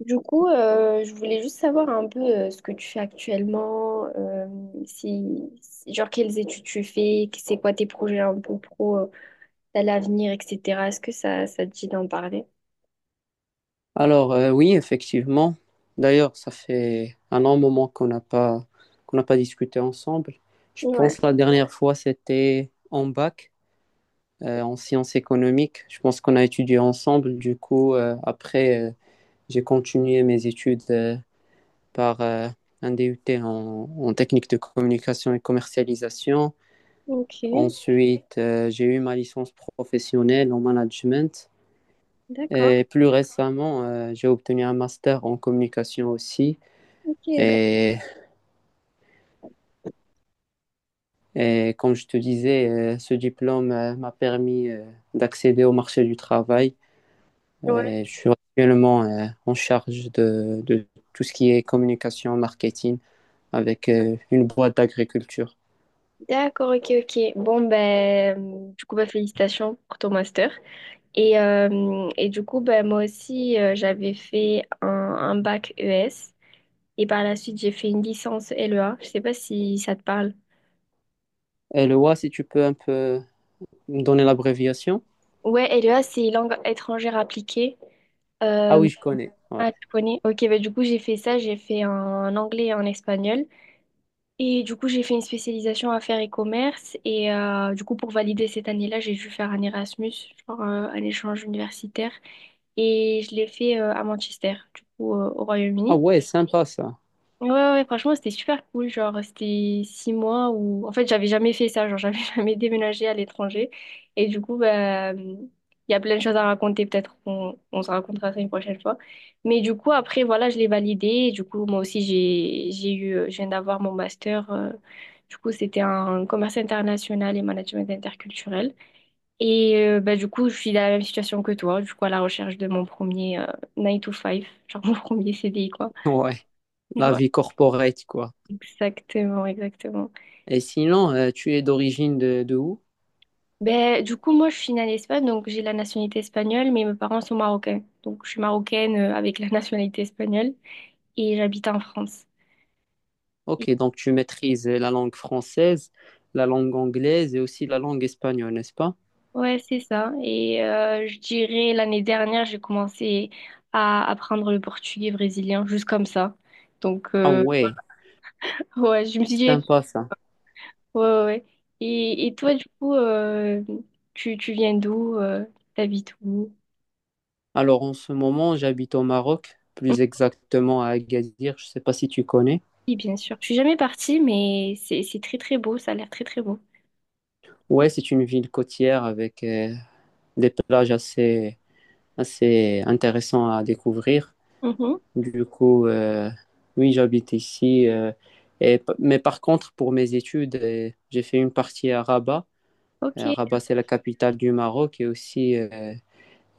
Du coup, je voulais juste savoir un peu ce que tu fais actuellement, genre quelles études tu fais, c'est quoi tes projets un peu pro à l'avenir, etc. Est-ce que ça te dit d'en parler? Alors, oui, effectivement. D'ailleurs, ça fait un long moment qu'on n'a pas discuté ensemble. Je pense Ouais, que la dernière fois, c'était en bac, en sciences économiques. Je pense qu'on a étudié ensemble. Du coup, après, j'ai continué mes études par un DUT en technique de communication et commercialisation. ok, Ensuite, j'ai eu ma licence professionnelle en management. d'accord. Et plus récemment, j'ai obtenu un master en communication aussi. Ok, ben, Et, et comme je te disais, ce diplôme m'a permis d'accéder au marché du travail. ouais, Et je suis actuellement en charge de tout ce qui est communication, marketing avec une boîte d'agriculture. d'accord, ok, ok. Bon, ben, du coup, ben, félicitations pour ton master. Et du coup, ben, moi aussi, j'avais fait un bac ES et par la suite, j'ai fait une licence LEA. Je sais pas si ça te parle. Et le WA, si tu peux un peu me donner l'abréviation. Ouais, LEA, c'est langue étrangère appliquée. Ah Euh, oui, je connais. Ouais. ah, tu connais? Ok, bah, du coup, j'ai fait ça. J'ai fait en anglais et en espagnol. Et du coup, j'ai fait une spécialisation affaires et commerce. Et du coup, pour valider cette année-là, j'ai dû faire un Erasmus, genre un échange universitaire. Et je l'ai fait à Manchester, du coup, au Ah Royaume-Uni. ouais, sympa ça. Ouais, ouais, ouais, franchement, c'était super cool. Genre, c'était 6 mois où, en fait, j'avais jamais fait ça. Genre, j'avais jamais déménagé à l'étranger. Et du coup, il y a plein de choses à raconter. Peut-être qu'on on se racontera ça une prochaine fois. Mais du coup, après, voilà, je l'ai validé. Et du coup, moi aussi, je viens d'avoir mon master. Du coup, c'était en commerce international et management interculturel. Et du coup, je suis dans la même situation que toi. Du coup, à la recherche de mon premier 9 to five genre mon premier CDI, quoi. Ouais, la vie corporate, quoi. Exactement, exactement. Et sinon, tu es d'origine de où? Ben, du coup, moi, je suis née en Espagne, donc j'ai la nationalité espagnole, mais mes parents sont marocains. Donc, je suis marocaine avec la nationalité espagnole et j'habite en France. Et- Ok, donc tu maîtrises la langue française, la langue anglaise et aussi la langue espagnole, n'est-ce pas? ouais, c'est ça. Et je dirais, l'année dernière, j'ai commencé à apprendre le portugais brésilien, juste comme ça. Donc, Ah ouais, ouais, je me suis dit, écoute, sympa ça. ouais, ouais. Ouais. Et toi, du coup, tu viens d'où? T'habites où? Alors en ce moment, j'habite au Maroc, plus exactement à Agadir, je ne sais pas si tu connais. Oui, bien sûr. Je suis jamais partie, mais c'est très très beau. Ça a l'air très très beau. Ouais, c'est une ville côtière avec des plages assez intéressantes à découvrir. Mhm. Du coup, oui, j'habite ici. Et, mais par contre, pour mes études, j'ai fait une partie à Rabat. Ok, Rabat, c'est la capitale du Maroc et aussi.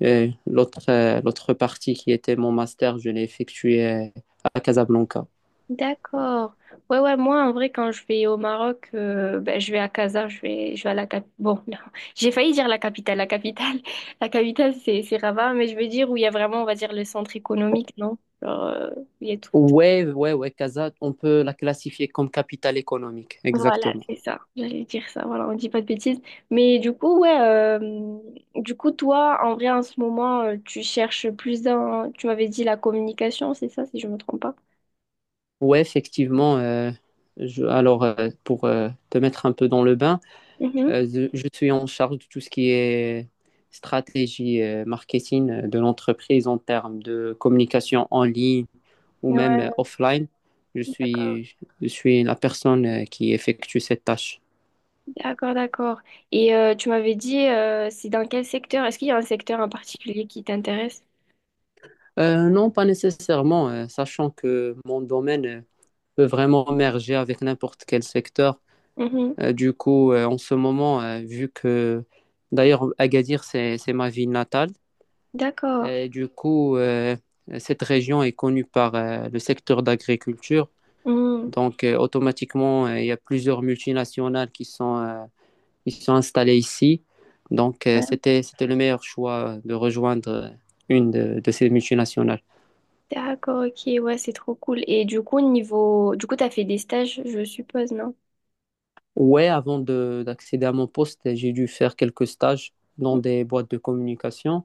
Et l'autre, l'autre partie qui était mon master, je l'ai effectué à Casablanca. d'accord. Ouais, ouais, moi en vrai, quand je vais au Maroc, ben, je vais à Casa, je vais à la capitale. Bon, non, j'ai failli dire la capitale. La capitale, la capitale, c'est Rabat, mais je veux dire où il y a vraiment, on va dire, le centre économique, non? Genre, où il y a tout. Ouais, ouais, ouais, Casa, on peut la classifier comme capitale économique, Voilà, exactement. c'est ça. J'allais dire ça, voilà, on dit pas de bêtises. Mais du coup, ouais, toi, en vrai, en ce moment, tu cherches plus dans, tu m'avais dit la communication, c'est ça, si je me trompe pas. Ouais, effectivement. Alors, pour te mettre un peu dans le bain, Mhm. Je suis en charge de tout ce qui est stratégie marketing de l'entreprise en termes de communication en ligne ou même Ouais, offline. Je d'accord, suis, je suis la personne qui effectue cette tâche. d'accord. D'accord. Et tu m'avais dit, c'est dans quel secteur? Est-ce qu'il y a un secteur en particulier qui t'intéresse? Non, pas nécessairement, sachant que mon domaine peut vraiment merger avec n'importe quel secteur. Mhm. Du coup, en ce moment, vu que d'ailleurs Agadir, c'est ma ville natale, D'accord. et du coup, cette région est connue par le secteur d'agriculture. Mhm. Donc, automatiquement, il y a plusieurs multinationales qui sont installées ici. Donc, Ouais. C'était le meilleur choix de rejoindre une de ces multinationales. D'accord, ok, ouais, c'est trop cool. Et du coup, niveau, du coup, t'as fait des stages, je suppose, non? Ouais, avant de d'accéder à mon poste, j'ai dû faire quelques stages dans des boîtes de communication.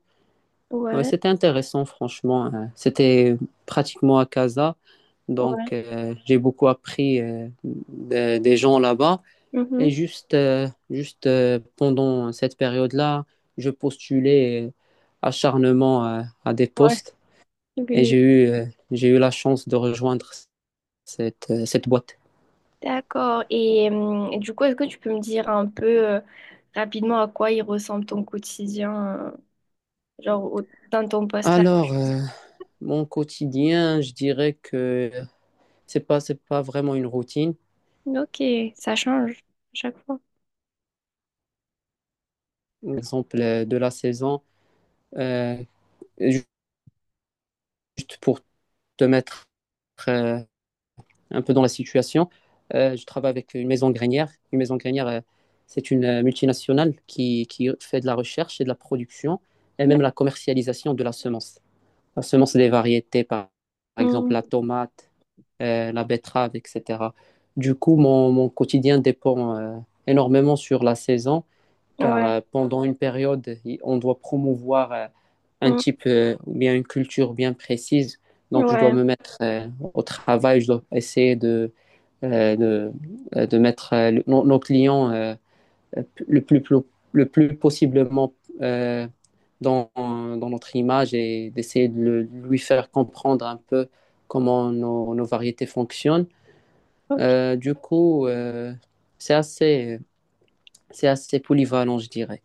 Ouais, Ouais, c'était intéressant, franchement. C'était pratiquement à Casa, donc ouais. J'ai beaucoup appris des gens là-bas. Et Mhm. Juste pendant cette période-là, je postulais acharnement à des Ouais. postes et Oui. J'ai eu la chance de rejoindre cette boîte. D'accord. Et du coup, est-ce que tu peux me dire un peu euh, rapidement à quoi il ressemble ton quotidien, genre au- dans ton poste là? Alors, mon quotidien, je dirais que c'est pas vraiment une routine. Ok, ça change à chaque fois. Par exemple de la saison, euh, juste pour te mettre euh, un peu dans la situation, je travaille avec une maison grainière. Une maison grainière, c'est une multinationale qui fait de la recherche et de la production et même D'ac- la commercialisation de la semence. La semence des variétés, par exemple Mm, la tomate, la betterave, etc. Du coup, mon quotidien dépend énormément sur la saison car ouais. Pendant une période, on doit promouvoir un Mm, type ou bien une culture bien précise. Donc, je dois ouais, me mettre au travail, je dois essayer euh, de, de mettre nos clients euh, le plus, plo- le plus possiblement euh, dans notre image et d'essayer de lui faire comprendre un peu comment nos variétés fonctionnent. ok. Du coup, c'est assez, c'est assez polyvalent, je dirais.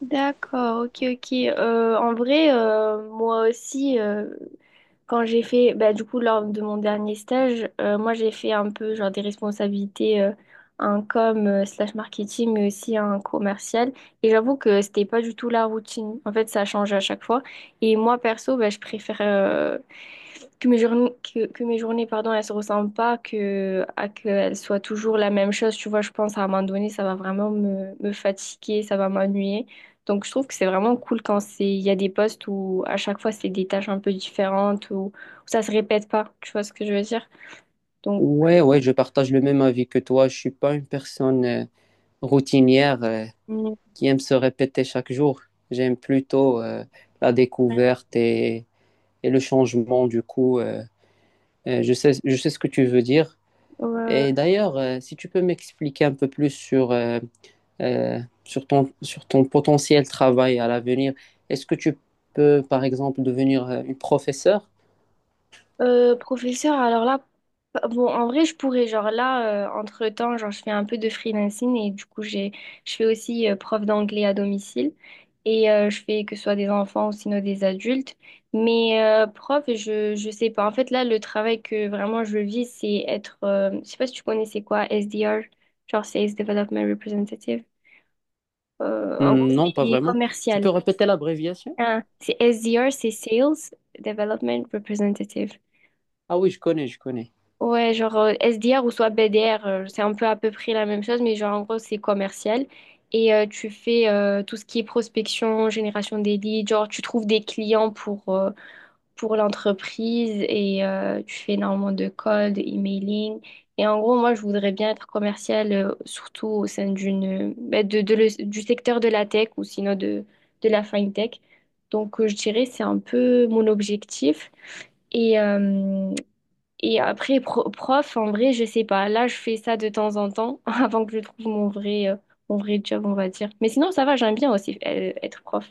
D'accord, ok, ok. En vrai, moi aussi. Quand j'ai fait, bah, du coup, lors de mon dernier stage, moi, j'ai fait un peu genre des responsabilités, un com slash marketing, mais aussi un commercial. Et j'avoue que c'était pas du tout la routine. En fait, ça change à chaque fois. Et moi, perso, bah, je préfère. Que mes journées, pardon, elles se ressemblent pas, à qu'elles soient toujours la même chose. Tu vois, je pense à un moment donné, ça va vraiment me, me fatiguer, ça va m'ennuyer. Donc, je trouve que c'est vraiment cool quand il y a des postes où à chaque fois, c'est des tâches un peu différentes, ou où ça se répète pas. Tu vois ce que je veux dire? Donc, Ouais, ouais, je partage le même avis que toi. Je suis pas une personne routinière Mm. qui aime se répéter chaque jour. J'aime plutôt la Ouais, découverte et le changement. Du coup, je sais ce que tu veux dire. Et ouais. d'ailleurs, si tu peux m'expliquer un peu plus sur sur ton potentiel travail à l'avenir, est-ce que tu peux, par exemple, devenir une professeure? Professeur, alors là, bon, en vrai, je pourrais, genre là, entre-temps, genre, je fais un peu de freelancing et du coup, je fais aussi prof d'anglais à domicile et je fais que ce soit des enfants ou sinon des adultes. Mais je sais pas. En fait, là, le travail que vraiment je vis, c'est être, je sais pas si tu connais, c'est quoi, SDR, genre Sales Development Representative. En gros, Non, pas c'est vraiment. Tu peux commercial. répéter l'abréviation? Hein, c'est SDR, c'est Sales Development Representative. Ah oui, je connais, je connais. Ouais, genre SDR ou soit BDR, c'est un peu à peu près la même chose, mais genre en gros c'est commercial. Et tu fais tout ce qui est prospection, génération des leads, genre tu trouves des clients pour l'entreprise et tu fais énormément de calls, de emailing. Et en gros, moi je voudrais bien être commercial, surtout au sein d'une, bah, du secteur de la tech ou sinon de la fintech. Donc je dirais c'est un peu mon objectif. Et, euh, et après, prof, en vrai, je sais pas. Là, je fais ça de temps en temps avant que je trouve mon vrai job, on va dire. Mais sinon, ça va, j'aime bien aussi être prof.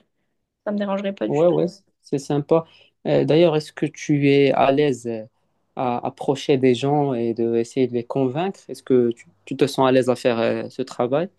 Ça me dérangerait pas du Ouais, tout. ouais, c'est sympa. D'ailleurs, est-ce que tu es à l'aise à approcher des gens et de essayer de les convaincre? Est-ce que tu te sens à l'aise à faire ce travail?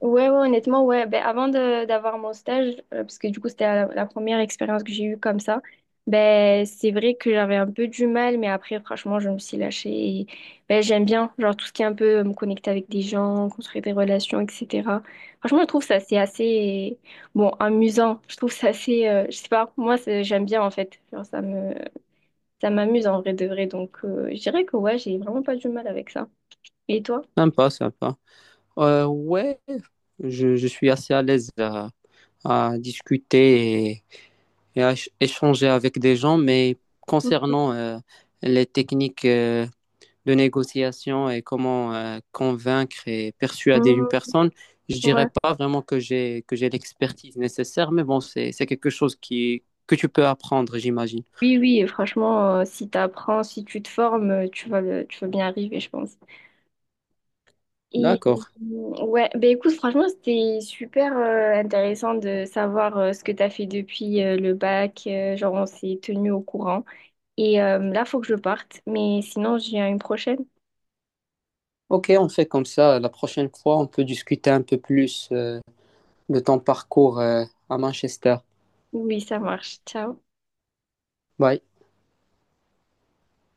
Ouais, ouais, honnêtement, ouais. Ben, avant de d'avoir mon stage, parce que du coup, c'était la première expérience que j'ai eue comme ça, ben, c'est vrai que j'avais un peu du mal, mais après, franchement, je me suis lâchée. Et, ben, j'aime bien, genre, tout ce qui est un peu me connecter avec des gens, construire des relations, etc. Franchement, je trouve ça, c'est assez, bon, amusant. Je trouve ça assez, je sais pas, moi, j'aime bien, en fait. Genre, ça m'amuse en vrai de vrai. Donc, je dirais que, ouais, j'ai vraiment pas du mal avec ça. Et toi? Sympa, sympa. Ouais, je suis assez à l'aise à discuter et à échanger avec des gens, mais concernant les techniques de négociation et comment convaincre et persuader une Mmh, personne, je dirais ouais. pas vraiment que j'ai l'expertise nécessaire, mais bon, c'est quelque chose qui que tu peux apprendre, j'imagine. Oui, oui, et franchement, si tu apprends, si tu te formes, tu vas bien arriver, je pense. Et D'accord. Ouais, ben écoute, franchement, c'était super intéressant de savoir ce que tu as fait depuis le bac. Genre, on s'est tenu au courant. Et là, faut que je parte, mais sinon, je viens une prochaine. Ok, on fait comme ça. La prochaine fois, on peut discuter un peu plus de ton parcours à Manchester. Oui, ça marche. Ciao. Bye.